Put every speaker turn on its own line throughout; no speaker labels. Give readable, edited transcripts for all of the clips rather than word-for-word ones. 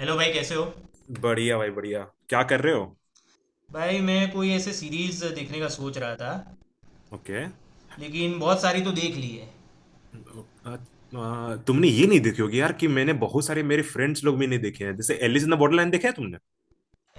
Hello भाई, कैसे हो?
बढ़िया भाई, बढ़िया। क्या कर रहे हो?
भाई, मैं कोई ऐसे सीरीज देखने का सोच रहा था।
ओके।
लेकिन बहुत सारी तो देख ली है।
तुमने ये नहीं देखी होगी यार कि मैंने बहुत सारे मेरे फ्रेंड्स लोग भी नहीं देखे हैं, जैसे एलिस इन द बॉर्डरलैंड। देखा है तुमने?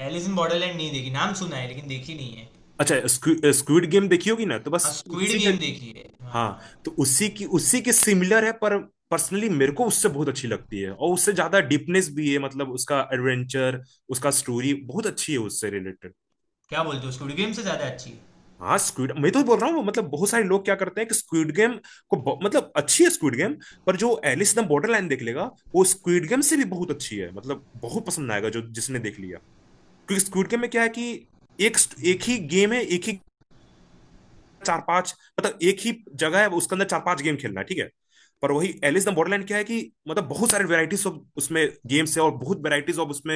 एलिस इन बॉर्डरलैंड नहीं देखी, नाम सुना है लेकिन देखी नहीं है।
अच्छा, स्क्विड स्क्विड गेम देखी होगी ना, तो बस
हाँ, स्क्विड
उसी का।
गेम देखी है, हाँ।
हाँ। तो उसी के सिमिलर है, पर पर्सनली मेरे को उससे बहुत अच्छी लगती है, और उससे ज्यादा डीपनेस भी है, मतलब उसका एडवेंचर, उसका स्टोरी बहुत अच्छी है उससे रिलेटेड।
क्या बोलते हो? स्क्विड गेम से ज़्यादा अच्छी है?
हाँ, स्क्विड मैं तो बोल रहा हूँ, मतलब बहुत सारे लोग क्या करते हैं कि स्क्विड गेम को मतलब अच्छी है स्क्विड गेम, पर जो एलिस इन द बॉर्डरलाइन देख लेगा, वो स्क्विड गेम से भी बहुत अच्छी है, मतलब बहुत पसंद आएगा जो जिसने देख लिया। क्योंकि स्क्विड गेम में क्या है कि एक एक ही गेम है, एक ही, चार पांच, मतलब एक ही जगह है, उसके अंदर चार पांच गेम खेलना है, ठीक है। पर वही एलिस द बॉर्डरलैंड क्या है कि मतलब बहुत सारे वेराइटीज ऑफ उसमें गेम्स है, और बहुत वेराइटीज ऑफ उसमें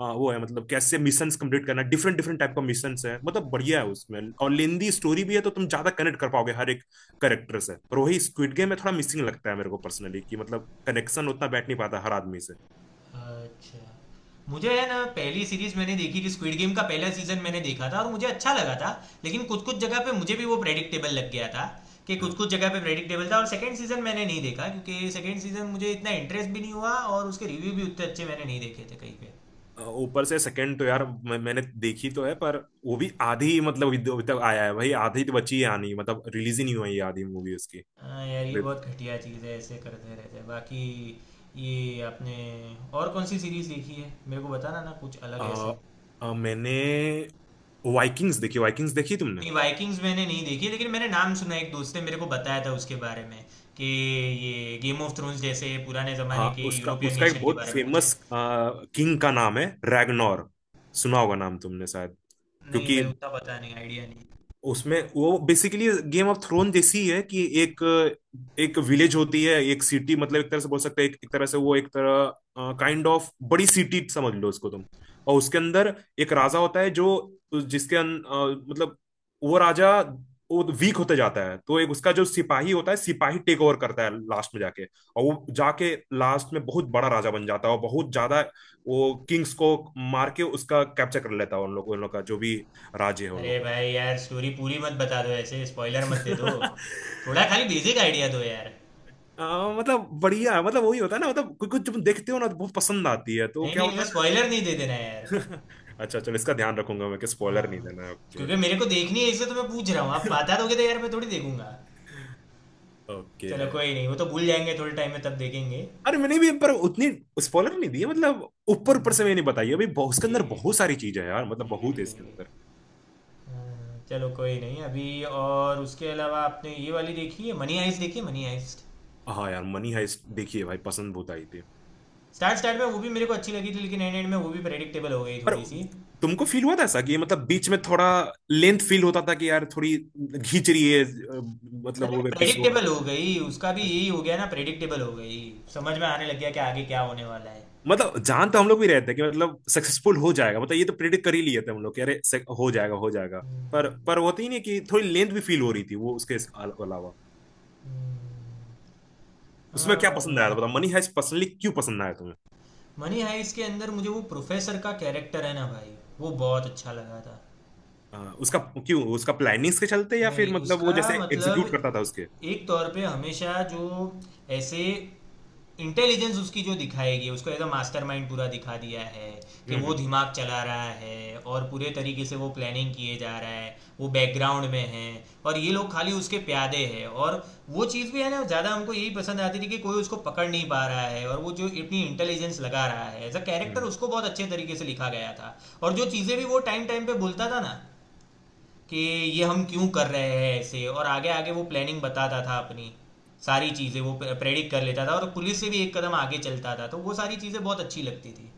वो है, मतलब कैसे मिशंस कंप्लीट करना, डिफरेंट डिफरेंट टाइप का मिशंस है, मतलब बढ़िया है उसमें, और लेंदी स्टोरी भी है, तो तुम ज्यादा कनेक्ट कर पाओगे हर एक करेक्टर से। पर वही स्क्विड गेम में थोड़ा मिसिंग लगता है मेरे को पर्सनली, कि मतलब कनेक्शन उतना बैठ नहीं पाता हर आदमी से।
अच्छा, मुझे है ना, पहली सीरीज मैंने देखी थी स्क्विड गेम का, पहला सीजन मैंने देखा था और मुझे अच्छा लगा था। लेकिन कुछ कुछ जगह पे मुझे भी वो प्रेडिक्टेबल लग गया था। कि कुछ
हाँ।
कुछ जगह पे प्रेडिक्टेबल था, और सेकंड सीजन मैंने नहीं देखा क्योंकि सेकंड सीजन मुझे इतना इंटरेस्ट भी नहीं हुआ, और उसके रिव्यू भी उतने अच्छे मैंने नहीं देखे थे कहीं पे।
ऊपर से सेकंड तो यार, मैंने देखी तो है, पर वो भी आधी, मतलब अभी अभी तक आया है भाई, आधी तो बची है आनी, मतलब रिलीज ही नहीं हुई है आधी मूवी उसकी।
हाँ यार, ये
देख,
बहुत घटिया चीज़ है, ऐसे करते रहते हैं। बाकी ये आपने और कौन-सी सीरीज़ देखी है? मेरे को बताना ना कुछ अलग
आ,
ऐसे।
आ, मैंने वाइकिंग्स देखी। वाइकिंग्स देखी तुमने?
नहीं, वाइकिंग्स मैंने नहीं देखी, लेकिन मैंने नाम सुना है, एक दोस्त ने मेरे को बताया था उसके बारे में कि ये गेम ऑफ थ्रोन्स जैसे पुराने ज़माने
हाँ,
के
उसका
यूरोपियन
उसका एक
नेशन के
बहुत
बारे में कुछ है।
फेमस किंग का नाम है, रैगनोर। सुना होगा नाम तुमने शायद,
नहीं
क्योंकि
भाई, उतना पता नहीं, आइडिया नहीं।
उसमें वो बेसिकली गेम ऑफ थ्रोन जैसी ही है, कि एक, एक विलेज होती है, एक सिटी, मतलब एक तरह से बोल सकते हैं, एक तरह से वो एक तरह काइंड ऑफ बड़ी सिटी समझ लो उसको तुम। और उसके अंदर एक राजा होता है, जो, मतलब वो राजा, वो वीक होते जाता है, तो एक उसका जो सिपाही होता है, सिपाही टेक ओवर करता है लास्ट में जाके, और वो जाके लास्ट में बहुत बड़ा राजा बन जाता है, और बहुत ज्यादा वो किंग्स को मार के उसका कैप्चर कर लेता है, उन लोग का जो भी राज्य है उन
अरे
लोग का।
भाई यार, स्टोरी पूरी मत बता दो ऐसे, स्पॉइलर मत दे दो। थोड़ा खाली बेसिक आइडिया दो यार।
मतलब बढ़िया, मतलब वही होता है ना, मतलब कुछ कुछ तुम देखते हो ना तो बहुत पसंद आती है, तो
नहीं,
क्या
नहीं,
होता
ऐसे
है।
स्पॉइलर नहीं दे देना
ना।
यार।
अच्छा चलो, इसका ध्यान रखूंगा मैं कि स्पॉइलर नहीं
हाँ,
देना है। ओके।
क्योंकि मेरे को देखनी है इसलिए तो मैं पूछ रहा हूँ। आप बता दोगे तो यार मैं थोड़ी देखूंगा।
ओके।
चलो कोई नहीं, वो तो भूल जाएंगे थोड़े टाइम में, तब देखेंगे।
अरे मैंने भी पर उतनी स्पॉइलर नहीं दी है, मतलब ऊपर ऊपर
हम्म,
से मैंने बताई है, अभी उसके अंदर
ठीक है।
बहुत सारी चीजें हैं यार, मतलब
ठीक है,
बहुत है
ठीक है,
इसके
ठीक
अंदर।
है। हाँ, चलो कोई नहीं अभी। और उसके अलावा आपने ये वाली देखी है, मनी हाइस्ट? देखी है मनी हाइस्ट?
हाँ यार, मनी हाइस्ट, देखिए भाई, पसंद बहुत आई थी।
स्टार्ट स्टार्ट में वो भी मेरे को अच्छी लगी थी, लेकिन एंड एंड में वो भी प्रेडिक्टेबल हो गई
पर
थोड़ी सी।
तुमको फील हुआ था ऐसा कि मतलब बीच में थोड़ा लेंथ फील होता था, कि यार थोड़ी खींच रही है, मतलब
अरे
वो एपिसोड।
प्रेडिक्टेबल हो गई, उसका भी यही हो गया ना, प्रेडिक्टेबल हो गई। समझ में आने लग गया कि आगे क्या होने वाला है।
मतलब जान तो हम लोग भी रहते हैं कि मतलब सक्सेसफुल हो जाएगा, मतलब ये तो प्रिडिक्ट कर ही लिए थे हम लोग कि अरे हो जाएगा, हो जाएगा। पर वो होती ही नहीं, कि थोड़ी लेंथ भी फील हो रही थी वो उसके अलावा।
हम्म।
उसमें
हाँ,
क्या
बाद
पसंद आया था
में
बताओ, मनी हाइस्ट पर्सनली क्यों पसंद आया तुम्हें?
मनी हाइस्ट के अंदर मुझे वो प्रोफेसर का कैरेक्टर है ना भाई, वो बहुत अच्छा लगा था।
अ, उसका, क्यों, उसका प्लानिंग्स के चलते, या फिर
नहीं,
मतलब वो
उसका
जैसे
मतलब
एग्जीक्यूट करता था उसके?
एक तौर पे हमेशा जो ऐसे इंटेलिजेंस उसकी जो दिखाएगी, उसको एज अ मास्टरमाइंड पूरा दिखा दिया है कि वो
हम्म।
दिमाग चला रहा है और पूरे तरीके से वो प्लानिंग किए जा रहा है, वो बैकग्राउंड में है और ये लोग खाली उसके प्यादे हैं। और वो चीज़ भी है ना, ज़्यादा हमको यही पसंद आती थी कि कोई उसको पकड़ नहीं पा रहा है, और वो जो इतनी इंटेलिजेंस लगा रहा है एज अ कैरेक्टर,
हम्म।
उसको बहुत अच्छे तरीके से लिखा गया था। और जो चीज़ें भी वो टाइम टाइम पे बोलता था ना कि ये हम क्यों कर रहे हैं ऐसे, और आगे आगे वो प्लानिंग बताता था अपनी, सारी चीज़ें वो प्रेडिक्ट कर लेता था और पुलिस से भी एक कदम आगे चलता था, तो वो सारी चीज़ें बहुत अच्छी लगती थी।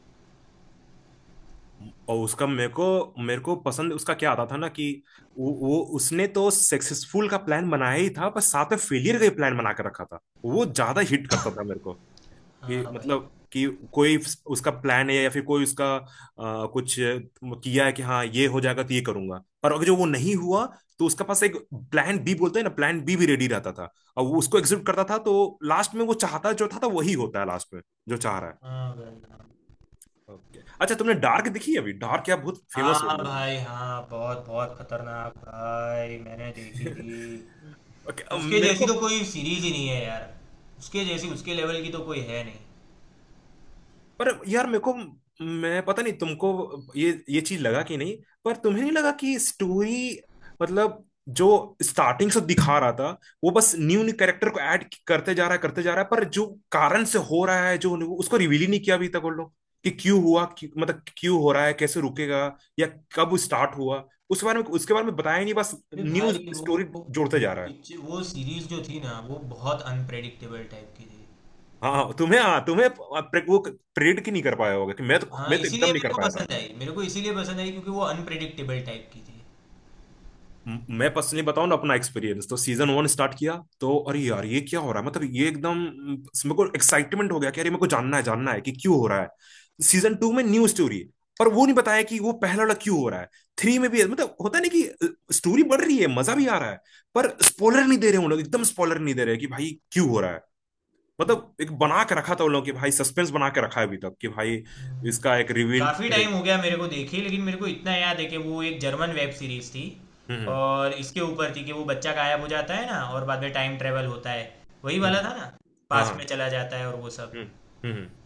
हम्म। और उसका मेरे को, पसंद उसका क्या आता था ना, कि वो उसने तो सक्सेसफुल का प्लान बनाया ही था, पर साथ में फेलियर का प्लान बना के रखा था, वो ज्यादा हिट करता था मेरे को, कि
हाँ भाई,
मतलब कि कोई उसका प्लान है, या फिर कोई उसका कुछ किया है, कि हाँ ये हो जाएगा तो ये करूंगा, पर अगर जो वो नहीं हुआ, तो उसका पास एक प्लान बी, बोलते हैं ना, प्लान बी भी रेडी रहता था, और वो उसको एग्जीक्यूट करता था, तो लास्ट में वो चाहता जो था वही होता है लास्ट में, जो चाह रहा है।
हाँ भाई,
ओके। अच्छा, तुमने डार्क देखी है? अभी डार्क क्या बहुत
हाँ,
फेमस हो
हाँ
रही
भाई, हाँ बहुत बहुत खतरनाक भाई, मैंने देखी
है।
थी।
Okay, अब
उसके
मेरे
जैसी
को,
तो कोई सीरीज ही नहीं है यार, उसके जैसी, उसके लेवल की तो कोई है नहीं।
पर यार मेरे को, मैं पता नहीं तुमको ये चीज लगा कि नहीं, पर तुम्हें नहीं लगा कि स्टोरी, मतलब जो स्टार्टिंग से दिखा रहा था, वो बस न्यू न्यू कैरेक्टर को ऐड करते जा रहा है, करते जा रहा है, पर जो कारण से हो रहा है, जो उसको रिवील ही नहीं किया अभी तक वो लोग, कि क्यों हुआ, क्यों, मतलब क्यों हो रहा है, कैसे रुकेगा, या कब स्टार्ट हुआ, उस बारे में उसके बारे में बताया ही नहीं, बस
ये
न्यू
भाई, वो
स्टोरी जोड़ते
वो
जा रहा है।
पिक्चर, वो सीरीज जो थी ना, वो बहुत अनप्रेडिक्टेबल टाइप की थी।
हाँ हाँ, तुम्हें, हाँ तुम्हें, वो प्रेडिक्ट ही नहीं कर पाया होगा कि
हाँ
मैं तो एकदम
इसीलिए
नहीं
मेरे
कर
को
पाया था।
पसंद आई, मेरे को इसीलिए पसंद आई क्योंकि वो अनप्रिडिक्टेबल टाइप की थी।
मैं पर्सनली बताऊं ना अपना एक्सपीरियंस, तो सीजन वन स्टार्ट किया, तो अरे यार ये क्या हो रहा है, मतलब ये एकदम मेरे को एक्साइटमेंट हो गया कि अरे मेरे को जानना है कि क्यों हो रहा है। सीजन टू में न्यू स्टोरी है, पर वो नहीं बताया कि वो पहला वाला क्यों हो रहा है। थ्री में भी मतलब होता नहीं, कि स्टोरी बढ़ रही है, मजा भी आ रहा है, पर स्पॉइलर नहीं दे रहे उन लोग, एकदम स्पॉइलर नहीं दे रहे कि भाई क्यों हो रहा है, मतलब एक बना के रखा था उन लोगों कि भाई सस्पेंस बना के रखा है अभी तक, कि भाई इसका एक रिवील
काफ़ी टाइम हो
करेगा।
गया मेरे को देखे, लेकिन मेरे को इतना याद है कि वो एक जर्मन वेब सीरीज थी।
हम्म। हम्म।
और इसके ऊपर थी कि वो बच्चा गायब हो जाता है ना, और बाद में टाइम ट्रेवल होता है। वही वाला
हम्म।
था ना,
हाँ
पास में
हाँ।
चला जाता है और वो सब।
हम्म। हम्म। हम्म।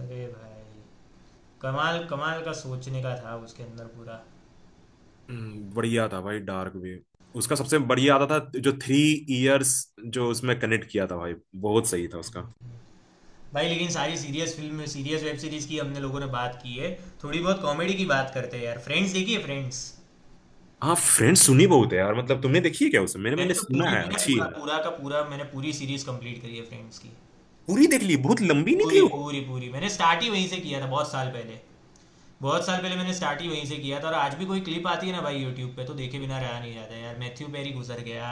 अरे भाई, कमाल कमाल का सोचने का था उसके अंदर पूरा।
बढ़िया था भाई डार्क वेव। उसका सबसे बढ़िया आता था जो थ्री इयर्स, जो उसमें कनेक्ट किया था भाई, बहुत सही था उसका।
भाई लेकिन सारी serious film, serious web series की हमने लोगों ने बात की है। थोड़ी बहुत कॉमेडी की बात करते हैं यार। फ्रेंड्स देखिए, फ्रेंड्स।
हाँ, फ्रेंड्स सुनी बहुत है यार, मतलब तुमने देखी है क्या उसे? मैंने
मैंने
मैंने
तो
सुना
पूरी
है
मैंने
अच्छी
पूरा
है,
पूरा का पूरा मैंने पूरी सीरीज कंप्लीट करी है फ्रेंड्स की।
पूरी देख ली? बहुत लंबी नहीं थी
पूरी
वो?
पूरी पूरी, मैंने स्टार्ट ही वहीं से किया था बहुत साल पहले। बहुत साल पहले मैंने स्टार्ट ही वहीं से किया था, और आज भी कोई क्लिप आती है ना भाई यूट्यूब पे तो देखे बिना रहा नहीं जाता यार। मैथ्यू पेरी गुजर गया।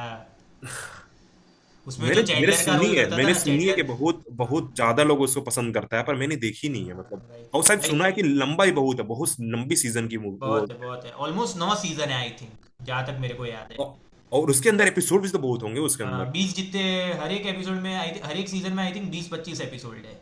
उसमें जो
मैंने मेरे
चैंडलर का
सुनी
रोल
है,
करता था ना,
कि
चैंडलर।
बहुत
हम्म,
बहुत ज्यादा लोग उसको पसंद करता है, पर मैंने देखी नहीं है
हाँ
मतलब।
भाई।
और शायद
भाई,
सुना है कि लंबा ही बहुत है, बहुत लंबी सीजन की वो,
बहुत है बहुत है, ऑलमोस्ट नौ सीजन है आई थिंक, जहाँ तक मेरे को याद है।
औ- और उसके अंदर एपिसोड भी तो बहुत होंगे उसके अंदर।
हाँ, 20 जितने, हर एक सीजन में आई थिंक 20-25 एपिसोड है।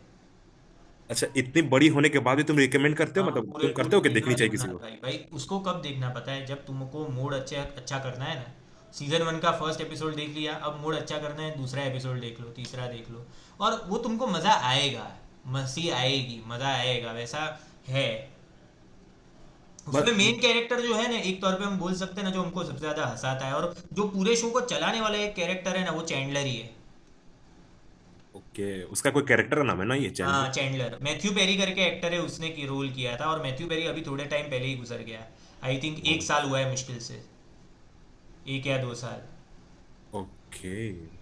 अच्छा, इतनी बड़ी होने के बाद भी तुम रिकमेंड करते हो,
हाँ,
मतलब
पूरे
तुम
पूरे
करते हो कि
देखना
देखनी चाहिए
देखना
किसी
है भाई भाई। उसको कब देखना पता है? जब तुमको मूड अच्छे अच्छा करना है ना, सीजन वन का फर्स्ट एपिसोड देख लिया, अब मूड अच्छा करना है, दूसरा एपिसोड देख लो, तीसरा देख लो। और वो तुमको मजा आएगा, मस्ती आएगी, मजा आएगा, वैसा है।
को?
उसमें मेन कैरेक्टर जो है ना, एक तौर पे हम बोल सकते हैं ना, जो हमको सबसे ज्यादा हंसाता है और जो पूरे शो को चलाने वाला एक कैरेक्टर है ना, वो चैंडलर ही है।
ओके। उसका कोई कैरेक्टर का नाम है ना, ये
हाँ
जनरल?
चैंडलर, मैथ्यू पेरी करके एक्टर है, उसने की रोल किया था और मैथ्यू पेरी अभी थोड़े टाइम पहले ही गुजर गया। आई थिंक 1 साल हुआ है मुश्किल से, 1 या 2 साल।
ओके।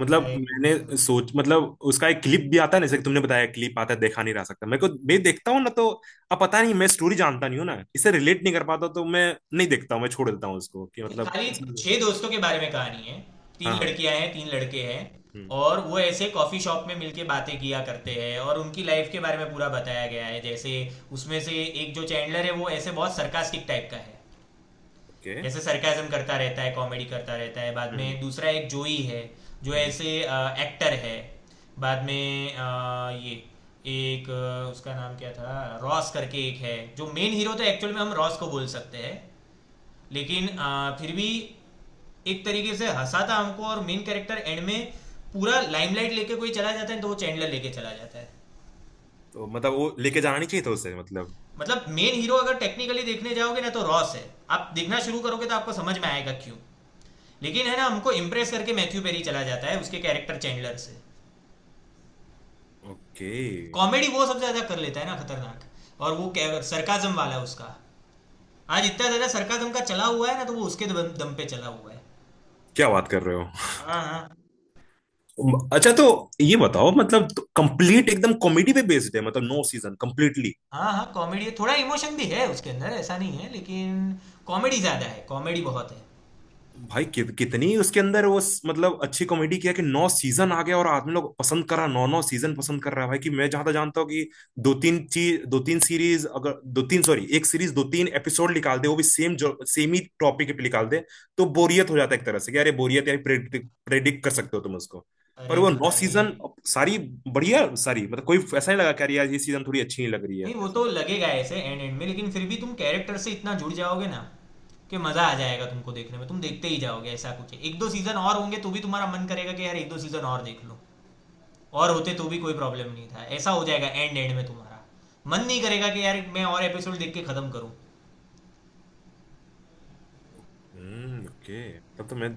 मतलब
भाई
मैंने
मतलब,
सोच, मतलब उसका एक क्लिप भी आता है ना, जैसे कि तुमने बताया, क्लिप आता है, देखा नहीं रह सकता मेरे को, मैं देखता हूँ ना तो अब पता नहीं, मैं स्टोरी जानता नहीं हूँ ना, इसे रिलेट नहीं कर पाता, तो मैं नहीं देखता हूँ, मैं छोड़ देता हूँ उसको कि
नहीं,
मतलब
खाली
पसंद है।
छह दोस्तों के बारे में कहानी है। तीन
हाँ हाँ।
लड़कियां हैं, तीन लड़के हैं।
हम्म।
और वो ऐसे कॉफी शॉप में मिलके बातें किया करते हैं, और उनकी लाइफ के बारे में पूरा बताया गया है, जैसे उसमें से एक जो चैंडलर है, वो ऐसे बहुत सरकास्टिक टाइप का है।
ओके।
ऐसे सरकाजम करता रहता है, कॉमेडी करता रहता है। बाद
हम्म।
में दूसरा एक जोई है, जो
हम्म। हम्म।
ऐसे एक्टर है। बाद में ये एक, उसका नाम क्या था, रॉस करके एक है जो मेन हीरो, तो एक्चुअल में हम रॉस को बोल सकते हैं। लेकिन फिर भी एक तरीके से हंसाता हमको, और मेन कैरेक्टर एंड में पूरा लाइमलाइट लेके कोई चला जाता है तो वो चैंडलर लेके चला जाता है।
तो मतलब वो लेके जाना नहीं चाहिए था उसे मतलब।
मतलब मेन हीरो अगर टेक्निकली देखने जाओगे ना तो रॉस है। आप देखना शुरू करोगे तो आपको समझ में आएगा क्यों। लेकिन है ना, हमको इम्प्रेस करके मैथ्यू पेरी चला जाता है, उसके कैरेक्टर चैंडलर से।
ओके।
कॉमेडी वो सबसे ज्यादा कर लेता है ना खतरनाक, और वो सरकाजम वाला है उसका। आज इतना ज्यादा सरकाजम का चला हुआ है ना, तो वो उसके दम दम पे चला हुआ है।
क्या बात कर रहे हो?
हाँ हाँ,
अच्छा तो ये बताओ मतलब, कंप्लीट एकदम कॉमेडी पे बेस्ड है, मतलब नो सीजन कंप्लीटली?
हाँ हाँ, कॉमेडी, थोड़ा इमोशन भी है उसके अंदर, ऐसा नहीं है लेकिन कॉमेडी ज्यादा है, कॉमेडी बहुत है।
भाई कि, कितनी उसके अंदर वो मतलब अच्छी कॉमेडी किया कि नौ सीजन आ गया, और आदमी लोग पसंद कर रहा, नौ नौ सीजन पसंद कर रहा है भाई, कि मैं जहां तक जानता हूँ कि दो तीन चीज, दो तीन सीरीज, अगर दो तीन सॉरी एक सीरीज दो तीन एपिसोड निकाल दे, वो भी सेम ही टॉपिक पे निकाल दे, तो बोरियत हो जाता है एक तरह से, कि अरे बोरियत यार, प्रेडिक्ट प्रेडिक्ट कर सकते हो तुम उसको। पर
अरे
वो नौ
भाई,
सीजन, सारी बढ़िया, सारी, मतलब कोई ऐसा नहीं लगा कि अरे यार ये सीजन थोड़ी अच्छी नहीं लग रही है,
नहीं, वो
ऐसा।
तो लगेगा ऐसे एंड एंड में, लेकिन फिर भी तुम कैरेक्टर से इतना जुड़ जाओगे ना कि मजा आ जाएगा तुमको देखने में, तुम देखते ही जाओगे, ऐसा कुछ है। एक दो सीजन और होंगे तो भी तुम्हारा मन करेगा कि यार एक दो सीजन और देख लो। और होते तो भी कोई प्रॉब्लम नहीं था, ऐसा हो जाएगा एंड एंड में तुम्हारा मन नहीं करेगा कि यार मैं और एपिसोड देख के खत्म करूं।
हम्म। ओके। तब तो मैं,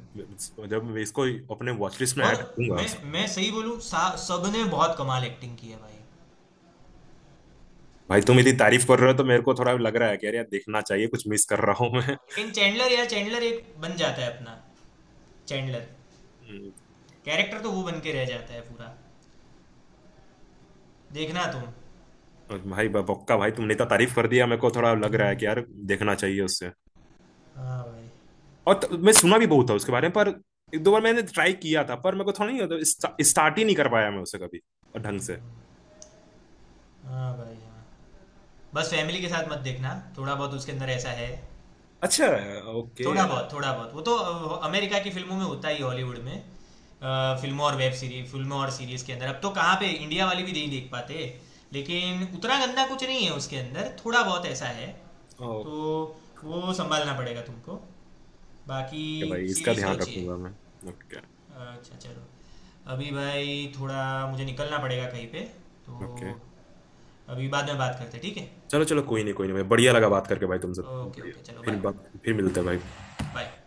जब मैं इसको अपने वॉच लिस्ट में
और
ऐड करूंगा।
मैं सही बोलूं, सब ने बहुत कमाल एक्टिंग की है भाई।
भाई तुम इतनी तारीफ कर रहे हो तो मेरे को थोड़ा लग रहा है कि अरे यार देखना चाहिए, कुछ मिस कर रहा हूँ मैं।
लेकिन चैंडलर, यार चैंडलर एक बन जाता है अपना। चैंडलर
हम्म,
कैरेक्टर तो वो बन के रह जाता है पूरा, देखना
और भाई बक्का भाई तुमने इतना
तुम।
तारीफ कर दिया, मेरे को थोड़ा लग रहा है कि यार देखना चाहिए उससे।
हाँ भाई,
और मैं सुना भी बहुत था उसके बारे में, पर एक दो बार मैंने ट्राई किया था, पर मेरे को थोड़ा नहीं होता, स्टार्ट ही नहीं कर पाया मैं उसे कभी और ढंग से।
हाँ भाई, हाँ, बस फैमिली के साथ मत देखना, थोड़ा बहुत उसके अंदर ऐसा है।
अच्छा। ओके।
थोड़ा बहुत वो तो अमेरिका की फिल्मों में होता ही, हॉलीवुड में, फिल्मों और सीरीज के अंदर, अब तो कहाँ पे, इंडिया वाली भी नहीं देख पाते। लेकिन उतना गंदा कुछ नहीं है उसके अंदर, थोड़ा बहुत ऐसा है। तो
ओके।
वो संभालना पड़ेगा तुमको। बाकी
भाई इसका
सीरीज तो
ध्यान
अच्छी है।
रखूंगा मैं। ओके।
अच्छा चलो, अभी भाई थोड़ा मुझे निकलना पड़ेगा कहीं पे
ओके।
तो। अभी बाद में बात करते हैं, ठीक है?
चलो चलो, कोई नहीं, कोई नहीं भाई, बढ़िया लगा
ओके,
बात करके भाई तुमसे,
ओके,
बढ़िया।
ओके, चलो
फिर
बाय।
बात, फिर मिलते हैं भाई।
बाय।